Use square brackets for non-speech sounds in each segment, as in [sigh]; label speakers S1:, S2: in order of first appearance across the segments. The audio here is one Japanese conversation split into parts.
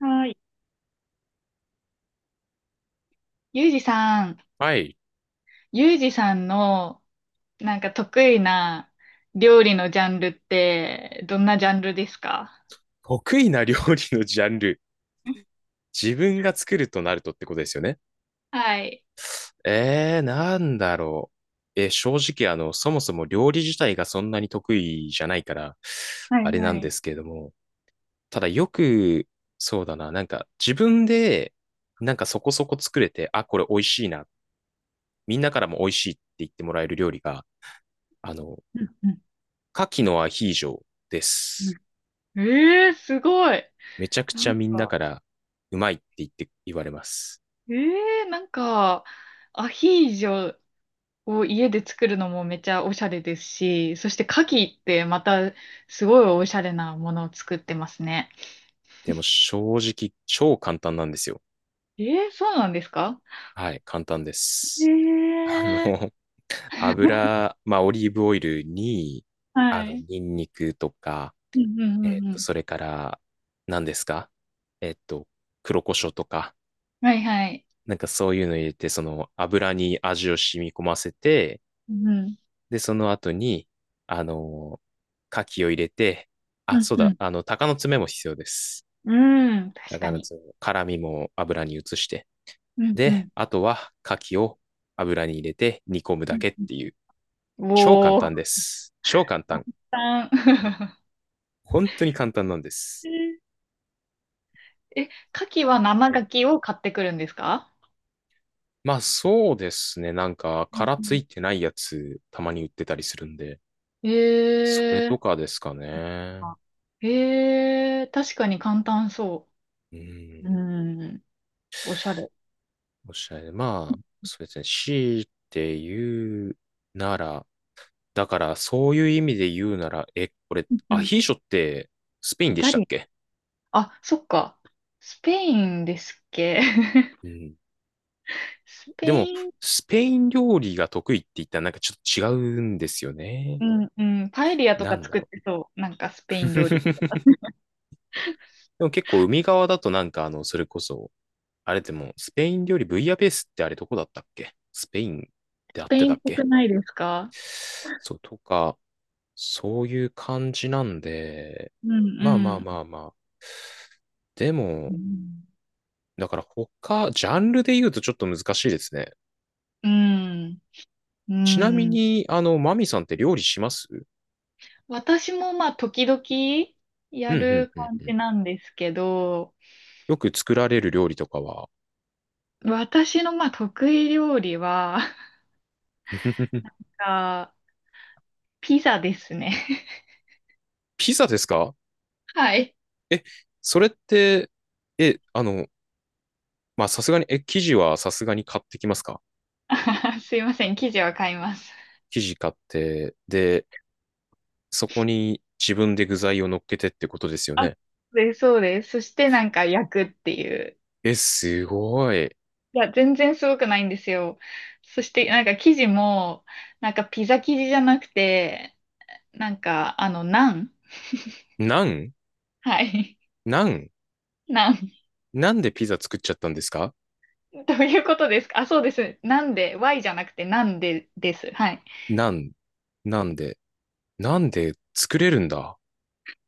S1: はい。ゆうじさん、
S2: はい。
S1: ゆうじさんのなんか得意な料理のジャンルってどんなジャンルですか？
S2: 得意な料理のジャンル。[laughs] 自分が作るとなるとってことですよね。
S1: はい。
S2: なんだろう。正直、そもそも料理自体がそんなに得意じゃないから、
S1: はい
S2: あれな
S1: は
S2: んで
S1: い。
S2: すけれども。ただよく、そうだな、なんか自分で、なんかそこそこ作れて、あ、これ美味しいな。みんなからも美味しいって言ってもらえる料理が、あの、
S1: うんうん
S2: 牡蠣のアヒージョです。
S1: うん。すごい。
S2: めちゃく
S1: な
S2: ちゃ
S1: ん
S2: みんな
S1: か、
S2: からうまいって言われます。
S1: えなんか、アヒージョを家で作るのもめちゃおしゃれですし、そして牡蠣ってまたすごいおしゃれなものを作ってますね。
S2: でも正直超簡単なんですよ。
S1: そうなんですか？
S2: はい、簡単で
S1: え
S2: す。[laughs] あ
S1: ー、
S2: の、[laughs] 油、まあオリーブオイルに、
S1: はい。
S2: ニンニクとか、
S1: うんうんうんうん。
S2: それから、何ですか？えっと、黒胡椒とか、
S1: はいはい。
S2: なんかそういうの入れて、その油に味を染み込ませて、
S1: うん。
S2: で、その後に、あの、牡蠣を入れて、あ、
S1: うん、
S2: そう
S1: う
S2: だ、
S1: ん。
S2: 鷹の爪も必要です。
S1: うん、確
S2: 鷹
S1: か
S2: の
S1: に。
S2: 爪、辛みも油に移して、
S1: うん、う
S2: で、
S1: ん。
S2: あとは牡蠣を油に入れて煮込む
S1: う
S2: だ
S1: ん
S2: けっていう、
S1: うん
S2: 超簡
S1: おー。
S2: 単です。超簡単。
S1: たくさん
S2: 本当に簡単なんです。
S1: [laughs] え、牡蠣は生
S2: は
S1: 牡
S2: い。
S1: 蠣を買ってくるんですか？
S2: まあそうですね。なんか
S1: うん
S2: 殻
S1: う
S2: つ
S1: ん
S2: いてないやつたまに売ってたりするんで、それ
S1: え
S2: と
S1: ー。
S2: かですかね。
S1: あ、確かに簡単そ
S2: う
S1: う。
S2: ん。
S1: うん。おしゃれ。
S2: おっしゃい。まあ、そうですね。強いて言うなら、だからそういう意味で言うなら、これ
S1: うんう
S2: ア
S1: ん
S2: ヒーショってスペイン
S1: イ
S2: で
S1: タ
S2: したっ
S1: リ
S2: け？
S1: アン。あ、そっか。スペインですっけ？
S2: うん。
S1: [laughs] スペ
S2: でも、
S1: イン、
S2: スペイン料理が得意って言ったらなんかちょっと違うんですよね。
S1: うんうん。パエリアと
S2: な
S1: か
S2: んだ
S1: 作っ
S2: ろ
S1: てそう。なんかスペイン料理。
S2: う。[laughs] でも結構海側だとなんかそれこそ、あれでも、スペイン料理ブイヤベースってあれどこだったっけ？スペインで
S1: ス
S2: あっ
S1: ペ
S2: て
S1: イ
S2: た
S1: ンっ
S2: っ
S1: ぽく
S2: け？
S1: ないですか？
S2: そうとか、そういう感じなんで、
S1: うん
S2: まあまあ
S1: うん。
S2: まあまあ。で
S1: う
S2: も、
S1: ん。
S2: だから他、ジャンルで言うとちょっと難しいですね。
S1: うん、
S2: ちなみに、マミさんって料理します？
S1: 私もまあ時々
S2: う
S1: や
S2: ん
S1: る
S2: うんうん
S1: 感
S2: うん。
S1: じなんですけど、
S2: よく作られる料理とかは？
S1: 私のまあ得意料理は、[laughs]
S2: [laughs]
S1: あ、ピザですね。
S2: ピザですか？
S1: [laughs] はい。
S2: え、それって、え、あの、まあ、さすがに、生地はさすがに買ってきますか？
S1: あすいません、生地は買います。
S2: 生地買って、で、そこに自分で具材を乗っけてってことですよ
S1: あ、
S2: ね。
S1: で、そうです。そしてなんか焼くっていう。
S2: え、すごい。
S1: いや、全然すごくないんですよ。そしてなんか生地も、なんかピザ生地じゃなくて、なんかあの、ナン。
S2: なん？
S1: はい。
S2: なん？
S1: ナン
S2: なんでピザ作っちゃったんですか？
S1: [laughs] どういうことですか？あ、そうです。なんで、Y じゃなくて、なんでです。はい。
S2: なん？なんで？なんで作れるんだ？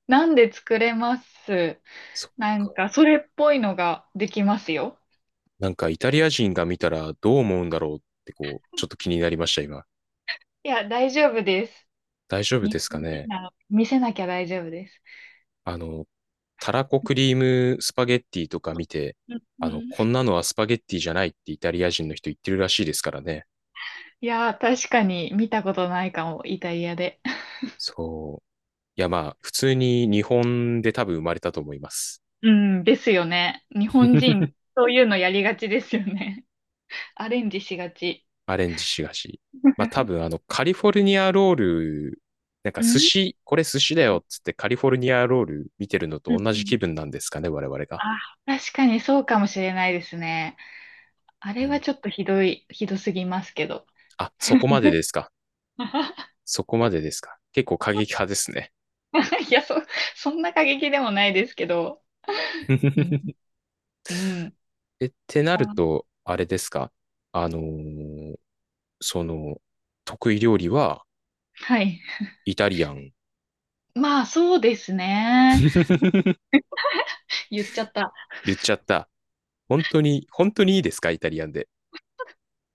S1: なんで作れます。
S2: そっ
S1: なんか、
S2: か。
S1: それっぽいのができますよ。
S2: なんかイタリア人が見たらどう思うんだろうってこう、ちょっと気になりました、今。
S1: いや、大丈夫です。
S2: 大丈夫で
S1: 日
S2: すか
S1: 本人
S2: ね？
S1: なの、見せなきゃ大丈夫です。
S2: あの、たらこクリームスパゲッティとか見て、
S1: うんうん
S2: こんなのはスパゲッティじゃないってイタリア人の人言ってるらしいですからね。
S1: いやー、確かに見たことないかも、イタリアで。
S2: そう。いや、まあ、普通に日本で多分生まれたと思います。
S1: うん、ですよね。日本人、
S2: [laughs]
S1: そういうのやりがちですよね。[laughs] アレンジしがち。
S2: アレンジしがし。まあ、多分カリフォルニアロール、なんか
S1: う
S2: 寿
S1: ん、
S2: 司、これ寿司だよっつってカリフォルニアロール見てるの
S1: う
S2: と
S1: ん
S2: 同
S1: う
S2: じ
S1: ん
S2: 気分なんですかね、我々が。
S1: あ、確かにそうかもしれないですね。あ
S2: う
S1: れは
S2: ん、
S1: ちょっとひどい、ひどすぎますけど。
S2: あ、そこまでですか。
S1: [laughs]
S2: そこまでですか。結構過激派ですね。
S1: いや、そんな過激でもないですけど。うん。
S2: [laughs]
S1: うん。
S2: ってなる
S1: あ
S2: と、あれですか？あのーその、得意料理は
S1: はい。
S2: イタリアン。
S1: まあ、そうですね。
S2: [laughs]
S1: 言っちゃった。
S2: 言っちゃった。本当に、本当にいいですかイタリアンで？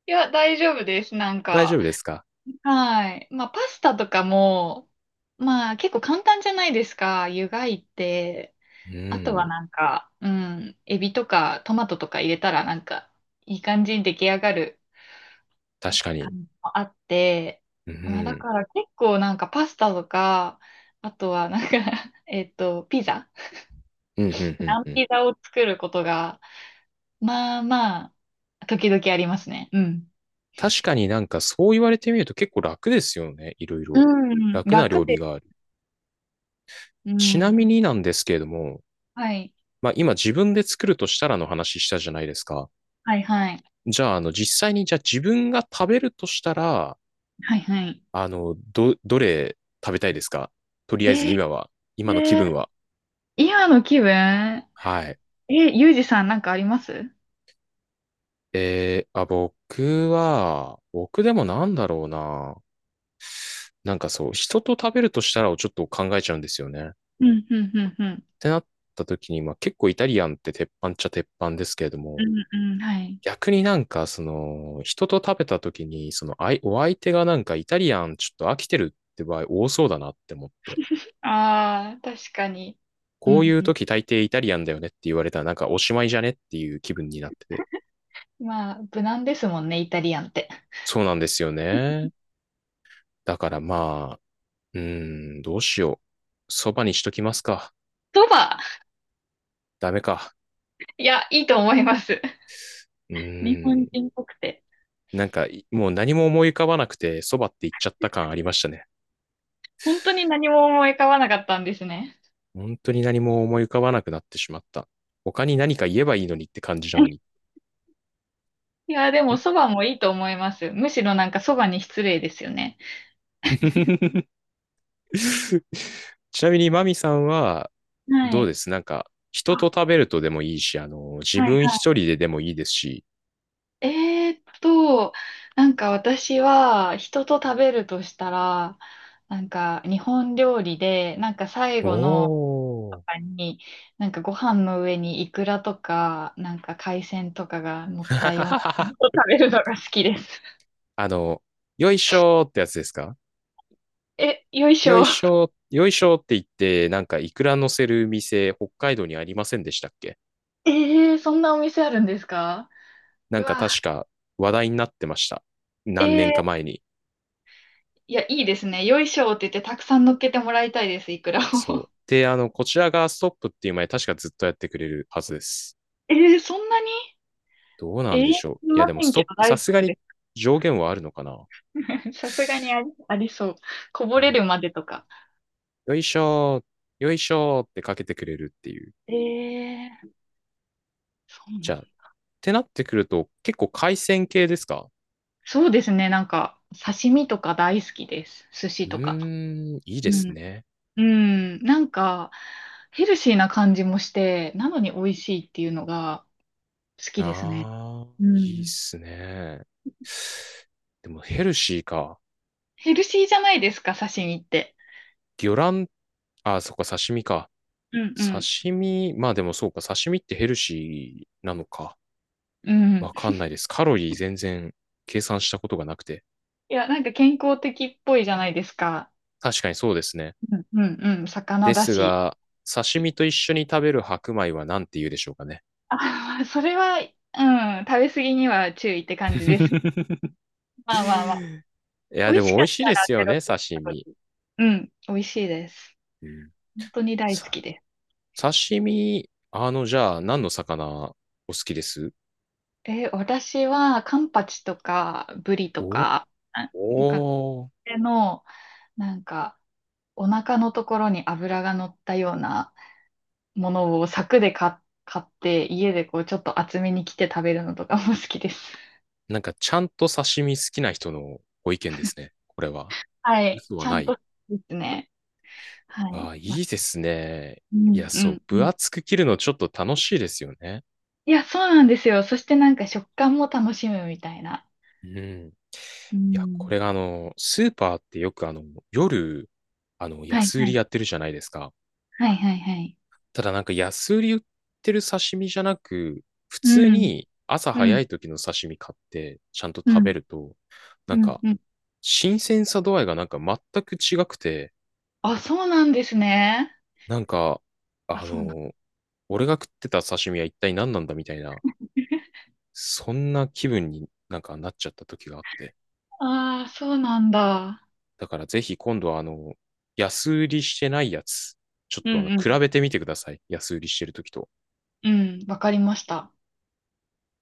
S1: いや、大丈夫です。なん
S2: 大丈
S1: か。
S2: 夫ですか？
S1: はい。まあ、パスタとかも、まあ、結構簡単じゃないですか。湯がいて。
S2: う
S1: あとは
S2: ん、
S1: なんか、うん。エビとかトマトとか入れたら、なんか、いい感じに出来上がる
S2: 確か
S1: 感
S2: に。
S1: じもあって。
S2: う
S1: まあ、だ
S2: ん、
S1: から結構なんかパスタとか、あとはなんか [laughs] ピザ。
S2: うん、うん、うん、
S1: 生
S2: うん。
S1: ピザを作ることが、まあまあ、時々ありますね。うん。
S2: 確かになんかそう言われてみると結構楽ですよね。いろいろ。
S1: うん、
S2: 楽な料
S1: 楽
S2: 理
S1: です。
S2: がある。
S1: う
S2: ちなみ
S1: ん。
S2: になんですけれども、
S1: はい。
S2: まあ今自分で作るとしたらの話したじゃないですか。
S1: はいはい。
S2: じゃあ、実際にじゃあ自分が食べるとしたら、
S1: はいはい。
S2: どれ食べたいですか？とりあ
S1: え
S2: えず
S1: ー、
S2: 今は、今の気分は。
S1: 今の気分、
S2: はい。
S1: ゆうじさんなんかあります？
S2: あ、僕でもなんだろうな。なんかそう、人と食べるとしたらをちょっと考えちゃうんですよね。っ
S1: うんうんうんうん。
S2: てなった時に、まあ結構イタリアンって鉄板っちゃ鉄板ですけれど
S1: う
S2: も、
S1: んうん、はい。
S2: 逆になんかその、人と食べた時に、その、お相手がなんかイタリアンちょっと飽きてるって場合多そうだなって思って。
S1: ああ、確かに。う
S2: こうい
S1: ん
S2: う
S1: うん。
S2: 時大抵イタリアンだよねって言われたらなんかおしまいじゃねっていう気分になってて。
S1: まあ、無難ですもんね、イタリアンって。
S2: そうなんですよね。だからまあ、うーん、どうしよう。そばにしときますか。
S1: そば、
S2: ダメか。
S1: いや、いいと思います。
S2: う
S1: 日
S2: ー
S1: 本
S2: ん。
S1: 人っぽくて。
S2: なんか、もう何も思い浮かばなくて、そばって言っちゃった感ありましたね。
S1: 本当に何も思い浮かばなかったんですね。
S2: 本当に何も思い浮かばなくなってしまった。他に何か言えばいいのにって感じなのに。
S1: いや、で
S2: ん。
S1: も、そばもいいと思います。むしろなんかそばに失礼ですよね。
S2: [laughs] ちなみに、マミさんは、
S1: は
S2: どうで
S1: い。
S2: す？なんか、人と
S1: あ、
S2: 食べるとでもいいし、自
S1: はい
S2: 分一
S1: は
S2: 人ででもいいですし。
S1: い。なんか私は人と食べるとしたら、なんか日本料理で、なんか最
S2: お
S1: 後のと
S2: ー。
S1: かに、なんかご飯の上にイクラとか、なんか海鮮とかが乗ったようなもの
S2: [laughs]
S1: を食べるのが好きです。
S2: あの、よいしょーってやつですか？
S1: え、よいし
S2: よ
S1: ょ。
S2: いしょー、よいしょーって言って、なんかいくら乗せる店、北海道にありませんでしたっけ？
S1: そんなお店あるんですか？
S2: な
S1: う
S2: んか
S1: わ。
S2: 確か話題になってました。
S1: え
S2: 何年か
S1: ー
S2: 前に。
S1: いや、いいですね。よいしょって言ってたくさん乗っけてもらいたいです、いくらを。
S2: そう。
S1: [laughs]
S2: で、こちらがストップっていう前、確かずっとやってくれるはずです。
S1: そんなに
S2: どうな
S1: え
S2: ん
S1: え
S2: でしょう。
S1: い
S2: いや、
S1: ま
S2: でも
S1: せ
S2: ス
S1: ん
S2: トッ
S1: けど
S2: プ、
S1: 大
S2: さ
S1: 丈
S2: すが
S1: 夫
S2: に
S1: で
S2: 上限はあるのかな？
S1: す。[laughs] さすがにあり、ありそう。こぼ
S2: あ
S1: れ
S2: り
S1: るまでとか。
S2: よいしょー、よいしょーってかけてくれるっていう。
S1: えー、そう
S2: じ
S1: な
S2: ゃ
S1: ん、
S2: あ、ってなってくると、結構海鮮系ですか？
S1: そうですね。なんか、刺身とか大好きです。寿司
S2: う
S1: とか。
S2: ーん、いいで
S1: う
S2: す
S1: ん。
S2: ね。
S1: うん。なんか、ヘルシーな感じもして、なのに美味しいっていうのが好き
S2: な
S1: ですね。
S2: あ、
S1: う
S2: いいっ
S1: ん。
S2: すね。でもヘルシーか。
S1: ヘルシーじゃないですか、刺身って。
S2: 魚卵、あ、そっか、刺身か。
S1: うんうん。
S2: 刺身、まあでもそうか、刺身ってヘルシーなのか。
S1: うん。
S2: わかんないです。カロリー全然計算したことがなくて。
S1: いや、なんか健康的っぽいじゃないですか。
S2: 確かにそうですね。
S1: うんうんうん、魚
S2: で
S1: だ
S2: す
S1: し。
S2: が、刺身と一緒に食べる白米は何て言うでしょうかね。
S1: あ、それは、うん、食べ過ぎには注意って感じです。
S2: [laughs]
S1: まあまあまあ。
S2: いや、
S1: 美
S2: で
S1: 味し
S2: も
S1: か
S2: 美
S1: っ
S2: 味しい
S1: た
S2: で
S1: ら
S2: す
S1: ゼ
S2: よ
S1: ロ
S2: ね、
S1: キロ
S2: 刺
S1: カロ
S2: 身。
S1: リー。うん、美味しいです。
S2: うん、
S1: 本当に大好
S2: さ
S1: きです。
S2: 刺身、じゃあ、何の魚お好きです？
S1: え、私はカンパチとかブリと
S2: お
S1: か、あなんか
S2: おー。
S1: 手の、なんかお腹のところに油が乗ったようなものを柵で買って家でこうちょっと厚めに切って食べるのとかも好きです。
S2: なんか、ちゃんと刺身好きな人のご意見ですね。これは。
S1: はい。
S2: 嘘は
S1: ちゃ
S2: な
S1: ん
S2: い。
S1: とですね。は
S2: あ
S1: い。
S2: あ、い
S1: ま、
S2: いですね。
S1: う
S2: いや、
S1: ん、う
S2: そう、
S1: ん、う
S2: 分
S1: ん。
S2: 厚く切るのちょっと楽しいですよね。
S1: いや、そうなんですよ。そしてなんか食感も楽しむみたいな。
S2: うん。い
S1: う
S2: や、こ
S1: ん。
S2: れがスーパーってよく夜、
S1: はい、
S2: 安売
S1: は
S2: り
S1: い。
S2: やってるじゃないですか。
S1: はい、はい、はい。
S2: ただなんか安売り売ってる刺身じゃなく、普
S1: う
S2: 通
S1: ん、
S2: に朝
S1: うん、
S2: 早い時の刺身買ってちゃんと
S1: う
S2: 食べ
S1: ん、
S2: ると、な
S1: う
S2: ん
S1: ん、
S2: か
S1: うん。
S2: 新鮮さ度合いがなんか全く違くて、
S1: あ、そうなんですね。
S2: なんか、
S1: あ、
S2: あ
S1: そうなん。
S2: の、俺が食ってた刺身は一体何なんだみたいな、
S1: [laughs]
S2: そんな気分になんかなっちゃった時があって。
S1: ああ、そうなんだ。
S2: だからぜひ今度は安売りしてないやつ、ちょっ
S1: う
S2: と
S1: ん、うん。
S2: 比べてみてください。安売りしてる時と。
S1: うん、わかりました。